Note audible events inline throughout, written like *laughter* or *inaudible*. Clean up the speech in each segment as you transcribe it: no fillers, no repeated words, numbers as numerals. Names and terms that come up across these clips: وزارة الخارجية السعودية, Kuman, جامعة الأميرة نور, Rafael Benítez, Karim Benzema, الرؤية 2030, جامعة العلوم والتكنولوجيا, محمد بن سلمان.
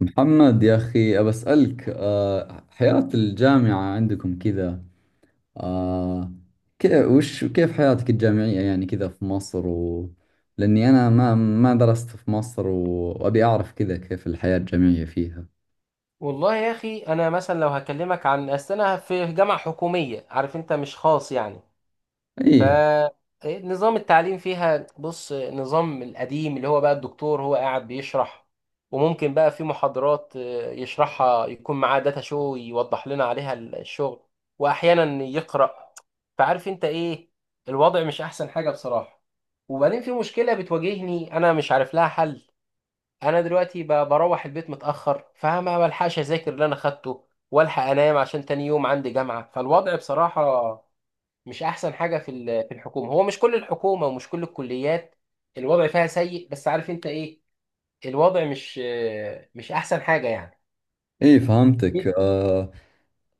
محمد يا أخي أبسألك حياة الجامعة عندكم كذا. أه كيف حياتك الجامعية يعني كذا في مصر لأني أنا ما درست في مصر وأبي أعرف كذا كيف الحياة الجامعية فيها. والله يا اخي انا مثلا لو هكلمك عن اصل انا في جامعه حكوميه، عارف انت، مش خاص يعني. إي ف نظام التعليم فيها، بص نظام القديم اللي هو بقى الدكتور هو قاعد بيشرح، وممكن بقى في محاضرات يشرحها يكون معاه داتا شو يوضح لنا عليها الشغل، واحيانا يقرأ. فعارف انت ايه، الوضع مش احسن حاجه بصراحه. وبعدين في مشكله بتواجهني انا مش عارف لها حل. انا دلوقتي بروح البيت متاخر، فما بلحقش اذاكر اللي انا خدته والحق انام عشان تاني يوم عندي جامعه. فالوضع بصراحه مش احسن حاجه في في الحكومه. هو مش كل الحكومه ومش كل الكليات الوضع فيها سيء، بس عارف انت ايه، الوضع مش احسن حاجه يعني. إي، فهمتك.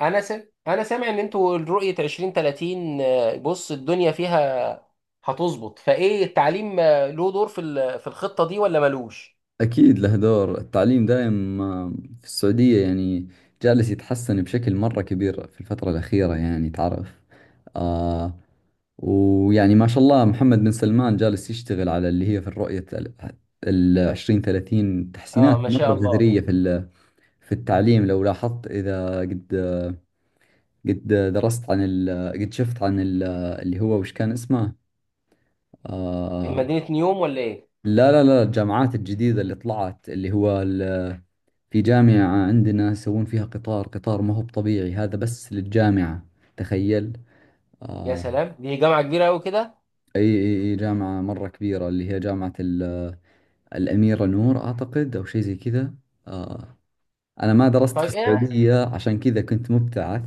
انا انا سامع ان انتوا رؤيه 2030، بص الدنيا فيها هتظبط. فايه التعليم له دور في في الخطه دي ولا ملوش؟ أكيد له دور، التعليم دائم في السعودية يعني جالس يتحسن بشكل مرة كبير في الفترة الأخيرة، يعني تعرف. آه ويعني ما شاء الله محمد بن سلمان جالس يشتغل على اللي هي في الرؤية ال 2030، اه تحسينات ما مرة شاء الله. جذرية في في التعليم لو لاحظت. إذا قد درست عن ال قد شفت عن ال اللي هو وش كان اسمه. آه مدينه نيوم ولا ايه؟ لا لا لا، الجامعات الجديدة اللي طلعت، اللي هو في جامعة عندنا يسوون فيها قطار، قطار ما هو طبيعي هذا، بس للجامعة، تخيل. يا آه سلام، دي جامعة كبيرة أوي كده. أي أي أي، جامعة مرة كبيرة، اللي هي جامعة الأميرة نور أعتقد، أو شيء زي كذا. آه أنا ما درست في طيب إيه، السعودية عشان كذا، كنت مبتعث،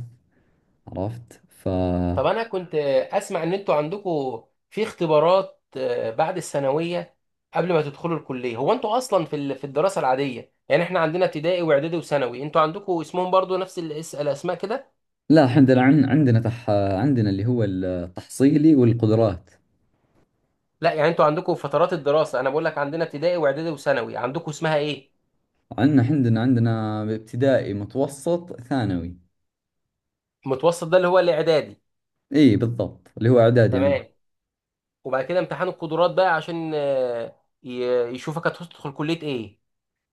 عرفت. طب أنا كنت أسمع إن أنتوا عندكم في اختبارات بعد الثانوية قبل ما تدخلوا الكلية. هو أنتوا أصلا في في الدراسة العادية، يعني إحنا عندنا ابتدائي وإعدادي وثانوي، أنتوا عندكم اسمهم برضو نفس الأسماء كده؟ لا، عندنا عندنا عندنا اللي هو التحصيلي والقدرات. لا يعني أنتوا عندكم فترات الدراسة، أنا بقول لك عندنا ابتدائي وإعدادي وثانوي، عندكم اسمها إيه؟ عندنا ابتدائي، متوسط، ثانوي. المتوسط ده اللي هو الإعدادي. اي بالضبط، اللي هو اعدادي عندنا. تمام. وبعد كده امتحان القدرات بقى عشان يشوفك هتدخل كلية إيه.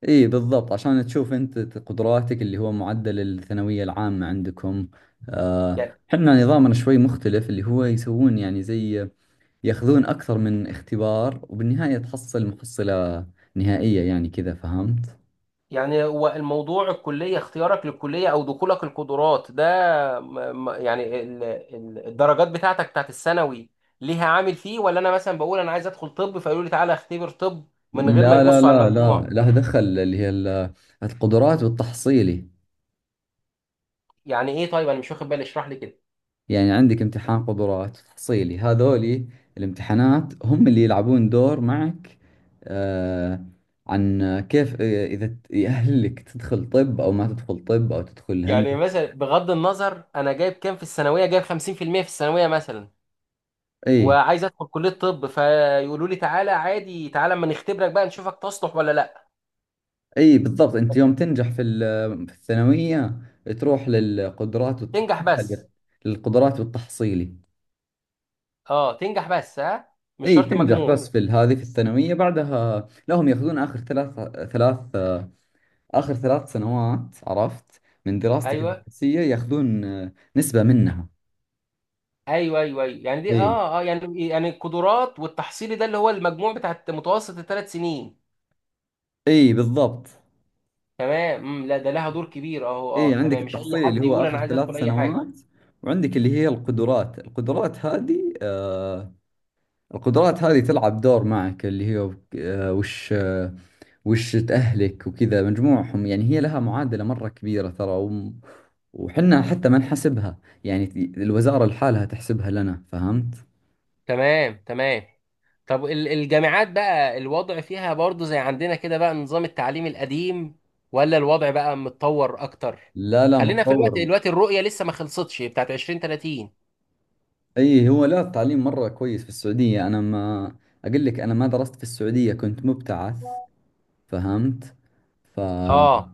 اي بالضبط، عشان تشوف انت قدراتك، اللي هو معدل الثانوية العامة عندكم. آه، يعني احنا نظامنا شوي مختلف، اللي هو يسوون يعني زي، ياخذون أكثر من اختبار، وبالنهاية تحصل محصلة نهائية، يعني كذا، فهمت؟ يعني هو الموضوع الكلية، اختيارك للكلية أو دخولك القدرات ده، يعني الدرجات بتاعتك بتاعت الثانوي ليها عامل فيه، ولا أنا مثلا بقول أنا عايز أدخل طب فيقولوا لي تعالى اختبر طب من غير ما لا لا يبصوا على لا لا، المجموع؟ لها دخل اللي هي القدرات والتحصيلي. يعني إيه طيب، أنا مش واخد بالي، اشرح لي كده. يعني عندك امتحان قدرات وتحصيلي، هذولي الامتحانات هم اللي يلعبون دور معك. آه عن كيف، إذا يأهلك تدخل طب أو ما تدخل طب أو تدخل يعني هندسة. مثلا بغض النظر أنا جايب كام في الثانوية، جايب 50% في المية في الثانوية مثلا، أي. وعايز أدخل كلية طب، فيقولوا لي تعالى عادي، تعالى أما نختبرك بقى نشوفك تصلح ولا لأ؟ اي بالضبط، انت يوم تنجح في في الثانويه، تروح للقدرات تنجح بس؟ وتتاهل للقدرات والتحصيلي. أه تنجح بس، ها، مش اي شرط تنجح مجموع. بس في هذه في الثانويه، بعدها لهم ياخذون اخر ثلاث اخر 3 سنوات، عرفت، من دراستك ايوه الدراسيه، ياخذون نسبه منها. ايوه ايوه. ايوه يعني دي اي اه اه يعني يعني القدرات والتحصيلي ده اللي هو المجموع بتاع متوسط 3 سنين. اي بالضبط. تمام. لا ده لها دور كبير اهو، اي اه عندك تمام، مش اي التحصيل اللي حد هو يقول اخر انا عايز ادخل ثلاث اي حاجه. سنوات وعندك اللي هي القدرات. القدرات هذه القدرات هذه تلعب دور معك، اللي هي آه وش آه، وش أهلك وكذا، مجموعهم، يعني هي لها معادلة مرة كبيرة ترى، وحنا حتى ما نحسبها، يعني الوزارة لحالها تحسبها لنا، فهمت؟ تمام تمام. طب الجامعات بقى الوضع فيها برضو زي عندنا كده بقى نظام التعليم القديم، ولا الوضع بقى متطور اكتر؟ لا لا، خلينا في متطور. الوقت، الرؤية لسه ما خلصتش بتاعت 2030. اي، هو لا التعليم مرة كويس في السعودية، انا ما اقول لك، انا ما درست في السعودية، كنت مبتعث، فهمت؟ ف... اه.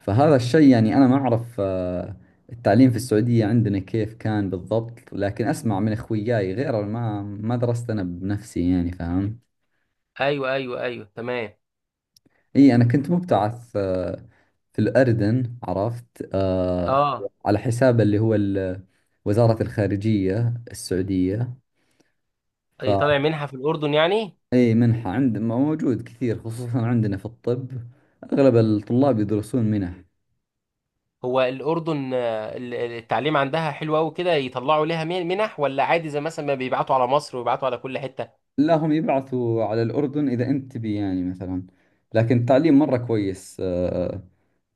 فهذا الشيء يعني انا ما اعرف التعليم في السعودية عندنا كيف كان بالضبط، لكن اسمع من اخوياي غيره، ما درست انا بنفسي، يعني فهمت؟ ايوه ايوه ايوه تمام. اي، انا كنت مبتعث في الاردن، عرفت، اه. على حساب اللي هو وزارة الخارجية السعودية. ف أي طالع منها في الاردن يعني؟ اي منحة عند موجود كثير، خصوصا عندنا في الطب اغلب الطلاب يدرسون منح. هو الأردن التعليم عندها حلو أوي كده يطلعوا لها منح، ولا عادي زي مثلا ما بيبعتوا على مصر ويبعتوا على كل حتة؟ لا، هم يبعثوا على الأردن إذا أنت تبي، يعني مثلا. لكن التعليم مرة كويس،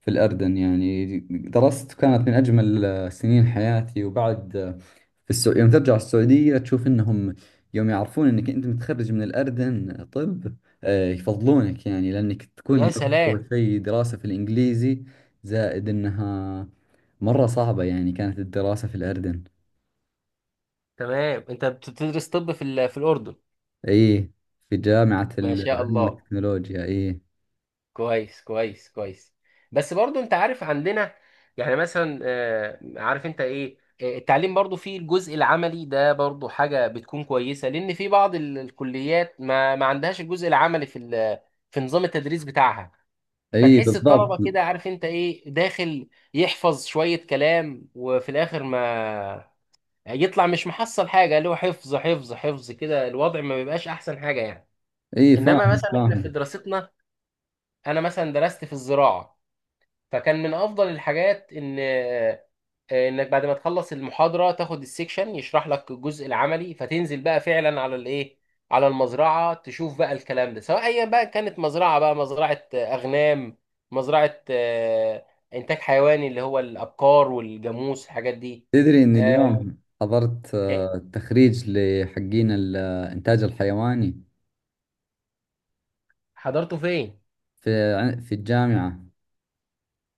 في الأردن، يعني درست، كانت من أجمل سنين حياتي، وبعد، في يوم ترجع السعودية تشوف إنهم يوم يعرفون إنك أنت متخرج من الأردن طب، يفضلونك، يعني لأنك تكون يا درست، أول سلام. شيء دراسة في الإنجليزي، زائد إنها مرة صعبة، يعني كانت الدراسة في الأردن. تمام، أنت بتدرس طب في في الأردن؟ إيه، في جامعة ما شاء العلوم الله، والتكنولوجيا، إيه. كويس كويس كويس. بس برضو أنت عارف عندنا، يعني مثلا عارف أنت إيه، التعليم برضو فيه الجزء العملي ده، برضو حاجة بتكون كويسة، لأن في بعض الكليات ما عندهاش الجزء العملي في في نظام التدريس بتاعها. اي فتحس بالضبط. الطلبة كده، عارف انت ايه، داخل يحفظ شوية كلام، وفي الاخر ما يطلع مش محصل حاجة، اللي هو حفظ حفظ حفظ كده الوضع ما بيبقاش احسن حاجة يعني. اي انما فاهم مثلا احنا في فاهمك. دراستنا، انا مثلا درست في الزراعة، فكان من افضل الحاجات ان انك بعد ما تخلص المحاضره تاخد السكشن يشرح لك الجزء العملي، فتنزل بقى فعلا على الايه، على المزرعه تشوف بقى الكلام ده، سواء ايا بقى كانت مزرعه، بقى مزرعه اغنام، مزرعه انتاج حيواني اللي هو الابقار والجاموس الحاجات دي. تدري ان آه، اليوم حضرت إيه، تخريج لحقين الانتاج الحيواني. حضرته فين؟ في في الجامعة.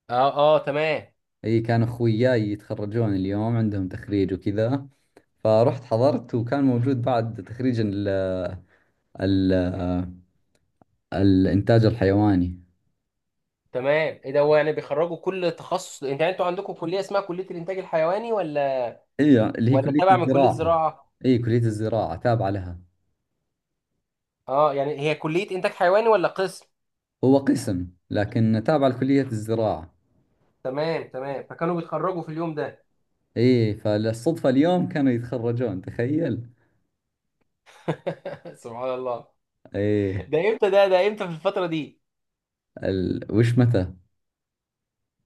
اه اه تمام اي، كان اخوياي يتخرجون اليوم، عندهم تخريج وكذا، فرحت حضرت، وكان موجود بعد تخريج ال الانتاج الحيواني. تمام. ايه ده، هو يعني بيخرجوا كل تخصص؟ انت يعني انتوا عندكم كليه اسمها كليه الانتاج الحيواني، ولا اي اللي هي كلية تابع من كليه الزراعة. زراعه؟ اي كلية الزراعة تابعة لها. اه يعني هي كلية انتاج حيواني ولا قسم؟ هو قسم لكن تابعة لكلية الزراعة. تمام تمام، فكانوا بيتخرجوا في اليوم ده. ايه، فالصدفة اليوم كانوا يتخرجون، تخيل. *laughs* سبحان الله. ايه ده امتى؟ ده امتى؟ في الفترة دي؟ وش متى.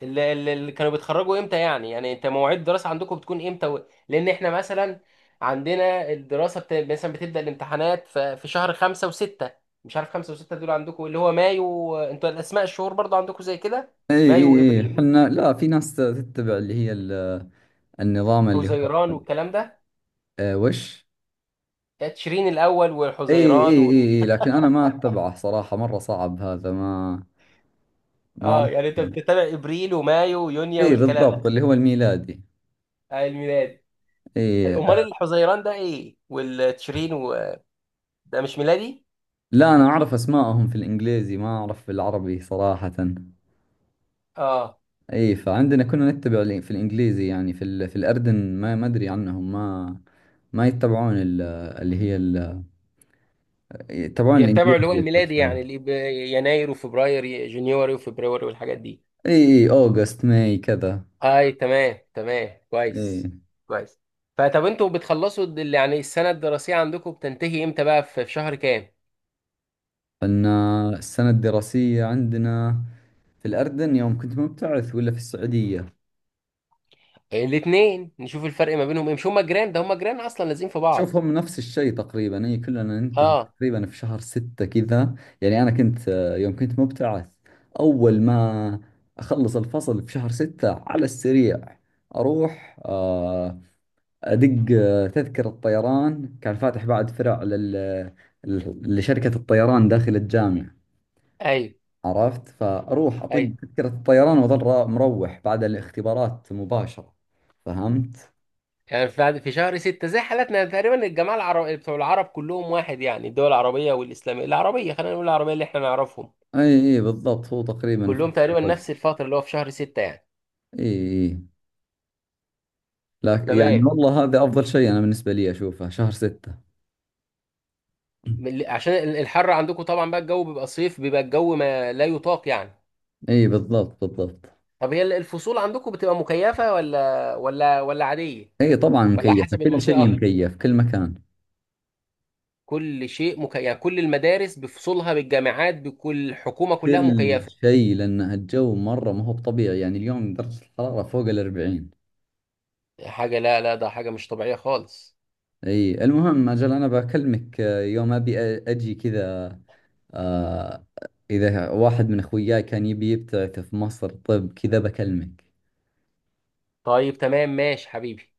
اللي كانوا بيتخرجوا امتى يعني؟ يعني انت مواعيد الدراسة عندكم بتكون امتى و...؟ لان احنا مثلا عندنا الدراسة مثلا بتبدأ الامتحانات في شهر خمسة وستة، مش عارف خمسة وستة دول عندكم اللي هو مايو؟ انتوا الاسماء الشهور برضو عندكم زي كده؟ ايه مايو ايه ايه، وابريل احنا لا، في ناس تتبع اللي هي ال... النظام اللي هو وحزيران والكلام ده؟ إيه وش. تشرين الاول ايه ايه وحزيران؟ ايه ايه، لكن انا ما اتبعه صراحة، مرة صعب هذا، ما اه عرفت. يعني انت بتتابع ابريل ومايو ويونيو ايه والكلام بالضبط، ده؟ اللي هو الميلادي. آه الميلاد. ايه، امال الحزيران ده ايه والتشرين و...؟ ده مش ميلادي؟ لا انا اعرف اسمائهم في الانجليزي، ما اعرف في العربي صراحة. اه اي فعندنا كنا نتبع في الانجليزي، يعني في ال... في الاردن ما ادري عنهم، ما ما يتبعون ال... اللي هي ال... يتبعون بيتبعوا الانجليزي اللي هو اكثر الميلادي، شوي. يعني اللي يناير وفبراير جونيوري وفبراير والحاجات دي. اي. اي اوغست، ماي كذا. اي تمام تمام اي، كويس. كويس. فطب انتوا بتخلصوا يعني السنه الدراسيه عندكم بتنتهي امتى بقى في شهر كام؟ فلنا السنة الدراسية عندنا في الاردن يوم كنت مبتعث ولا في السعودية. الاثنين نشوف الفرق ما بينهم ايه، مش هما جيران، هما جيران اصلا لازقين في بعض. شوف، هم نفس الشيء تقريبا، هي كلنا ننتهي اه. تقريبا في شهر 6 كذا. يعني أنا كنت، يوم كنت مبتعث، أول ما أخلص الفصل في شهر 6، على السريع أروح أدق تذكرة طيران، كان فاتح بعد فرع لل... لشركة الطيران داخل الجامعة، ايوه عرفت، فأروح أطق ايوه، تذكرة الطيران وأظل مروح بعد الاختبارات مباشرة، فهمت؟ يعني في شهر ستة زي حالاتنا تقريبا. الجماعة العرب بتوع العرب كلهم واحد، يعني الدول العربية والإسلامية، العربية خلينا نقول، العربية اللي احنا نعرفهم أي أي بالضبط، هو تقريبا في كلهم نفس تقريبا الوقت. نفس الفترة اللي هو في شهر ستة يعني. اي إي. لا تمام. يعني والله هذا أفضل شيء أنا بالنسبة لي، أشوفه شهر 6. عشان الحر عندكم طبعا بقى، الجو بيبقى صيف، بيبقى الجو ما لا يطاق يعني. إي بالضبط بالضبط. طب هي الفصول عندكم بتبقى مكيفة ولا عادية؟ إي طبعا ولا مكيفة، حسب كل شيء المنطقة؟ مكيف، كل مكان. كل شيء مكيف يعني؟ كل المدارس بفصولها، بالجامعات، بكل الحكومة كلها كل مكيفة؟ شيء، لأن الجو مرة ما هو بطبيعي، يعني اليوم درجة الحرارة فوق الأربعين. حاجة لا ده حاجة مش طبيعية خالص. إي المهم، أجل أنا بكلمك يوم أبي أجي كذا. آه إذا واحد من أخوياي كان يبي يبتعث في مصر طب كذا بكلمك. طيب تمام ماشي حبيبي.